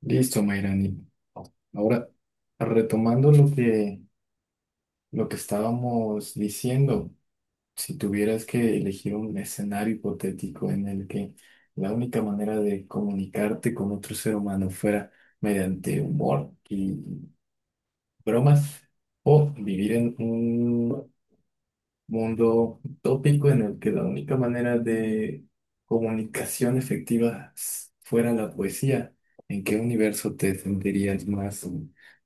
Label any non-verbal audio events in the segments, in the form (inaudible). Listo, Mayrani. Ahora, retomando lo que estábamos diciendo, si tuvieras que elegir un escenario hipotético en el que la única manera de comunicarte con otro ser humano fuera mediante humor y bromas, o vivir en un mundo utópico en el que la única manera de comunicación efectiva fuera la poesía, ¿en qué universo te sentirías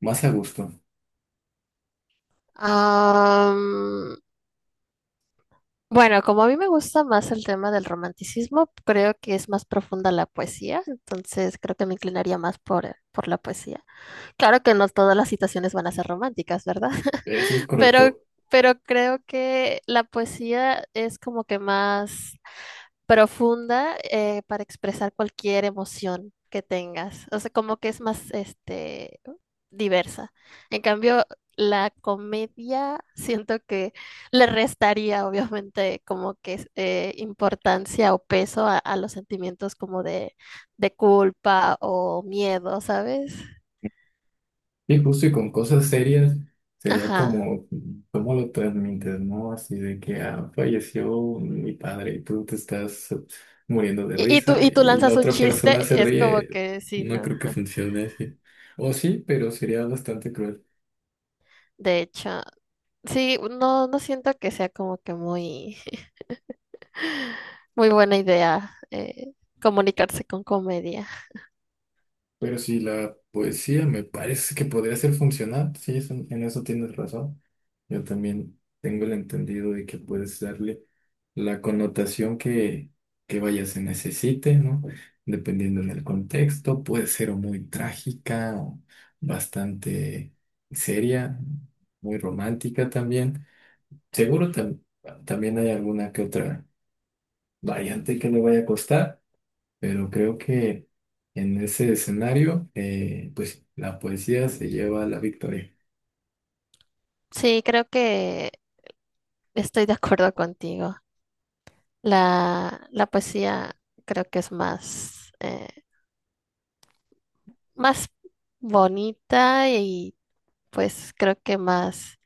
más a gusto? Am, bueno, como a mí me gusta más el tema del romanticismo, creo que es más profunda la poesía, entonces creo que me inclinaría más por la poesía. Claro que no todas las situaciones van a ser románticas, ¿verdad? Eso es (laughs) Pero, correcto. pero creo que la poesía es como que más profunda para expresar cualquier emoción que tengas. O sea, como que es más diversa. En cambio, la comedia siento que le restaría obviamente como que importancia o peso a los sentimientos como de culpa o miedo, ¿sabes? Y justo y con cosas serias sería Ajá. como, ¿cómo lo transmites, no? Así de que ah, falleció mi padre y tú te estás muriendo de Y, y tú, risa y tú y la lanzas un otra persona chiste, se es como ríe. que sí, No ¿no? creo que funcione así. O sí, pero sería bastante cruel. De hecho, sí, no, no siento que sea como que muy buena idea comunicarse con comedia. Pero si la poesía me parece que podría ser funcional, sí, es en eso tienes razón. Yo también tengo el entendido de que puedes darle la connotación que vaya se necesite, ¿no? Dependiendo del contexto, puede ser o muy trágica o bastante seria, muy romántica también. Seguro tam- También hay alguna que otra variante que le vaya a costar. Pero creo que en ese escenario, pues la poesía se lleva la victoria. Sí, creo que estoy de acuerdo contigo. La poesía creo que es más, más bonita y pues creo que más...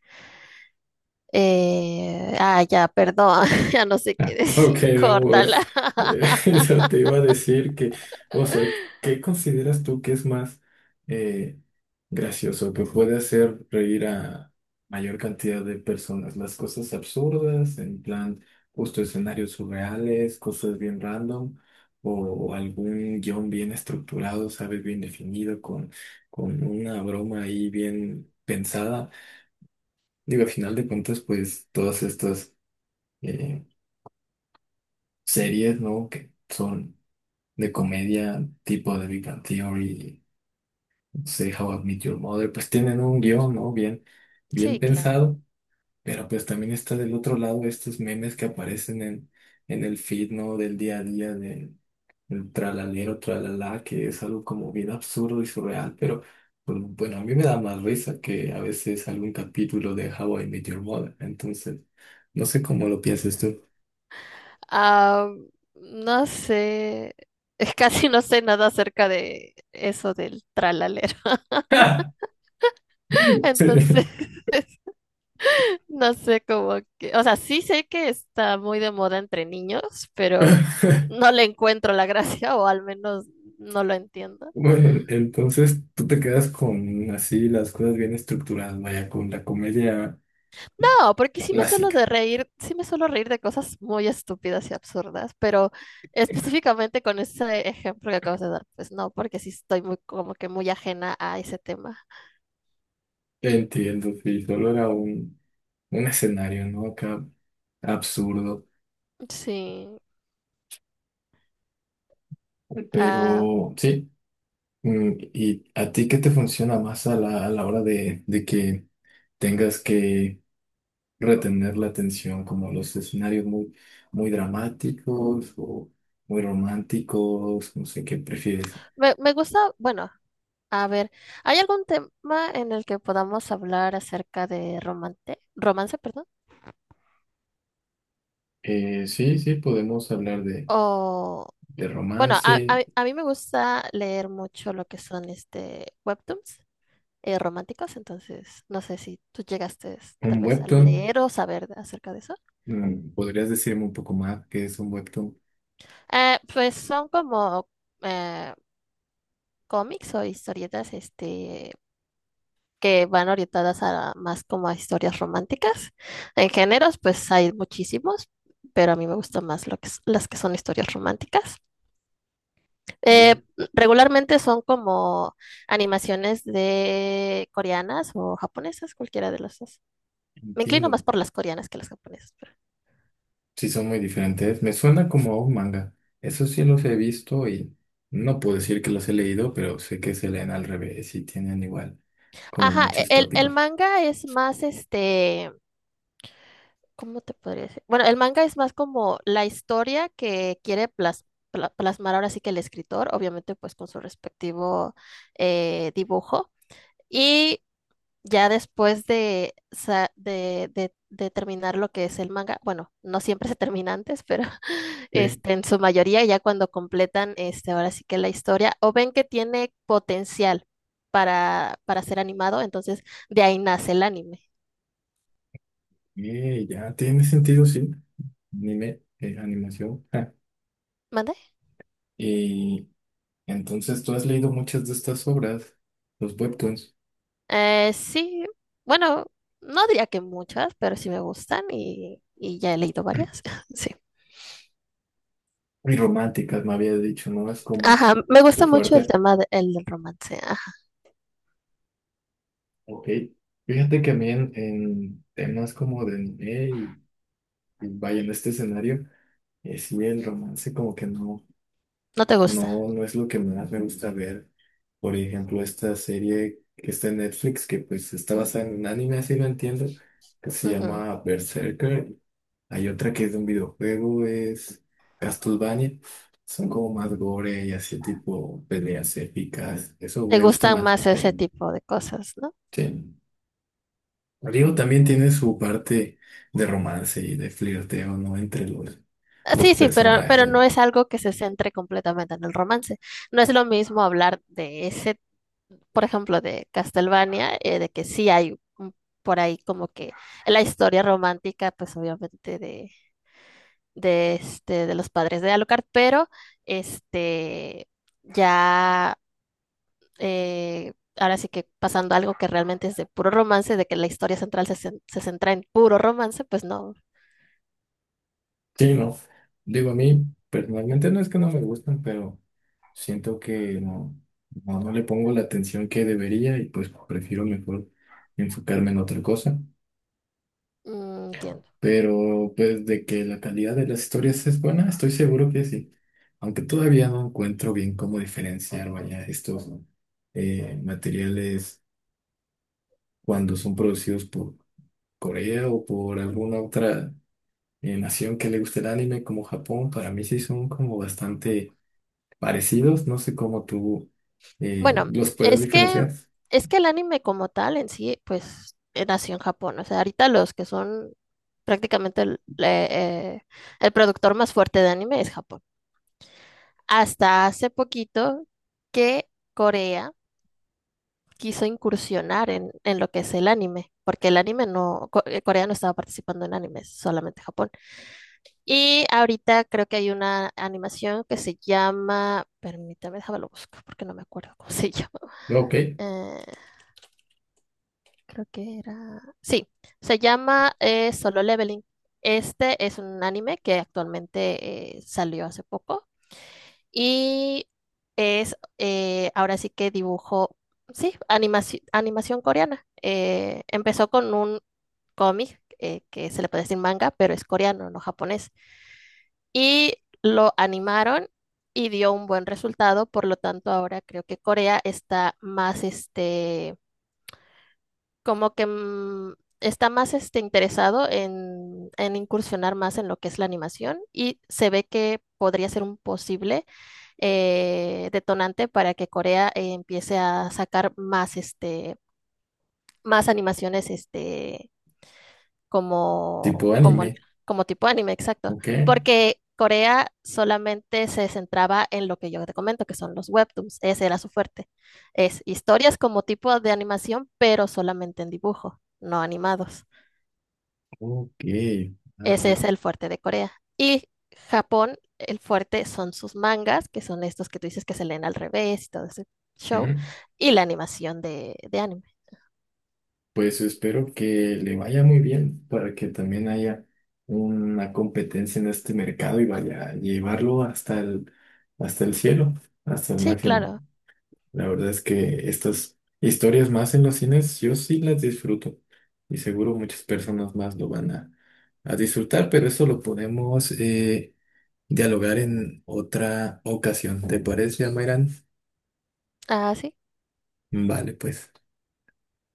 ya, perdón, (laughs) ya no sé qué Ok, decir, no, amor. córtala. (laughs) Eso te iba a decir que, o sea, ¿qué consideras tú que es más eh, gracioso, que puede hacer reír a mayor cantidad de personas? Las cosas absurdas, en plan, justo escenarios surreales, cosas bien random, o algún guión bien estructurado, ¿sabes? Bien definido, con una broma ahí bien pensada. Digo, al final de cuentas, pues todas estas... eh, series, ¿no? Que son de comedia, tipo de Big Bang Theory, no sé, How I Met Your Mother, pues tienen un guión, ¿no? Bien Sí, claro. pensado, pero pues también está del otro lado estos memes que aparecen en el feed, ¿no? Del día a día, del tralalero, tralala, que es algo como bien absurdo y surreal, pero pues, bueno, a mí me da más risa que a veces algún capítulo de How I Met Your Mother, entonces, no sé cómo lo piensas tú. Ah, no sé, es casi no sé nada acerca de eso del tralalero. (laughs) (laughs) Sí. Entonces, (laughs) no sé cómo que, o sea, sí sé que está muy de moda entre niños, pero (laughs) no le encuentro la gracia o al menos no lo entiendo. Bueno, entonces tú te quedas con así las cosas bien estructuradas, vaya, con la comedia No, porque sí me suelo de clásica. reír, sí me suelo reír de cosas muy estúpidas y absurdas, pero específicamente con ese ejemplo que acabas de dar, pues no, porque sí estoy muy como que muy ajena a ese tema. Entiendo, sí, solo era un escenario, ¿no? Acá absurdo, Sí, ah, pero sí. ¿Y a ti qué te funciona más a a la hora de que tengas que retener la atención, como los escenarios muy dramáticos o muy románticos? No sé qué prefieres. me gusta, bueno, a ver, ¿hay algún tema en el que podamos hablar acerca de romance, perdón? Sí, sí, podemos hablar O, de bueno, romance, a mí me gusta leer mucho lo que son webtoons románticos, entonces no sé si tú llegaste tal un vez a webtoon. leer o acerca de eso. ¿Podrías decirme un poco más qué es un webtoon? Pues son como eh, cómics o historietas que van orientadas a más como a historias románticas. En géneros, pues hay muchísimos, pero a mí me gustan más lo que, las que son historias románticas. Eh, Eh, regularmente son como animaciones de coreanas o japonesas, cualquiera de las dos. Me inclino entiendo. más por las coreanas que las japonesas. Pero Sí, son muy diferentes. Me suena como a un manga. Eso sí los he visto y no puedo decir que los he leído, pero sé que se leen al revés y tienen igual como Ajá, e- muchos el, el tópicos. manga es más ¿cómo te podría decir? Bueno, el manga es más como la historia que quiere plasmar ahora sí que el escritor, obviamente pues con su respectivo dibujo. Y ya después de, sa- de terminar lo que es el manga, bueno, no siempre se termina antes, pero (laughs) Sí. En su mayoría ya cuando completan ahora sí que la historia o ven que tiene potencial para ser animado, entonces de ahí nace el anime. Ya tiene sentido, sí. Anime, animación. Ja. ¿Mande? Y entonces tú has leído muchas de estas obras, los webtoons. Sí, bueno, no diría que muchas, pero sí me gustan y ya he leído varias. (laughs) Sí. Y románticas, me había dicho, ¿no? Es como Ajá, me tu gusta mucho el fuerte. tema de- el del romance. Ajá. Ok. Fíjate que a mí en temas como de anime y vaya en este escenario, sí, el romance como que no, ¿No te gusta? no, no es lo que más me gusta ver. Por ejemplo, esta serie que está en Netflix, que pues está basada en un anime, así lo entiendo, que se Ujú. llama Berserker. Hay otra que es de un videojuego, es Castlevania. Son como más gore y así tipo peleas épicas. Eso Te me gusta gustan más. más Sí. ese tipo de cosas, ¿no? Sí. Digo, también tiene su parte de romance y de flirteo, ¿no? Entre Ah, los sí, sí, pero personajes. no es algo que se centre completamente en el romance. No es lo mismo hablar de ese, por ejemplo, de Castlevania, de que sí hay por ahí como que la historia romántica, pues obviamente de de los padres de Alucard, pero este ya ahora sí que pasando a algo que realmente es de puro romance, de que la historia central se centra en puro romance, pues no. Sí, no. Digo, a mí personalmente no es que no me gustan, pero siento que no, no le pongo la atención que debería y pues prefiero mejor enfocarme en otra cosa. Mm, entiendo. Pero pues de que la calidad de las historias es buena, estoy seguro que sí. Aunque todavía no encuentro bien cómo diferenciar, vaya, estos materiales cuando son producidos por Corea o por alguna otra nación que le guste el anime como Japón, para mí sí son como bastante parecidos. No sé cómo tú Bueno, los puedes es que diferenciar. es que el anime como tal en sí, pues nació en Japón. O sea, ahorita los que son prácticamente eh, el productor más fuerte de anime es Japón. Hasta hace poquito que Corea quiso incursionar en lo que es el anime, porque el anime no, Corea no estaba participando en animes, solamente Japón. Y ahorita creo que hay una animación que se llama, permítame, déjame lo busco porque no me acuerdo cómo se (laughs) llama. Ok, Eh, Creo que era... Sí, se llama Solo Leveling. Este es un anime que actualmente salió hace poco y es ahora sí que dibujo, sí, animación coreana. Empezó con un cómic que se le puede decir manga, pero es coreano, no japonés. Y lo animaron y dio un buen resultado, por lo tanto ahora creo que Corea está más como que está más interesado en incursionar más en lo que es la animación y se ve que podría ser un posible detonante para que Corea empiece a sacar más, más animaciones tipo como, anime. como tipo anime, exacto. Ok, Porque Corea solamente se centraba en lo que yo te comento, que son los webtoons. Ese era su fuerte. Es historias como tipo de animación, pero solamente en dibujo, no animados. ok. Ah, Ese bueno. es el fuerte de Corea. Y Japón, el fuerte son sus mangas, que son estos que tú dices que se leen al revés y todo ese show, Ujú. y la animación de anime. Pues espero que le vaya muy bien para que también haya una competencia en este mercado y vaya a llevarlo hasta hasta el cielo, hasta el Sí, máximo. claro. La verdad es que estas historias más en los cines yo sí las disfruto y seguro muchas personas más lo van a disfrutar, pero eso lo podemos dialogar en otra ocasión. ¿Te parece, Amairán? Ah, sí. Vale, pues.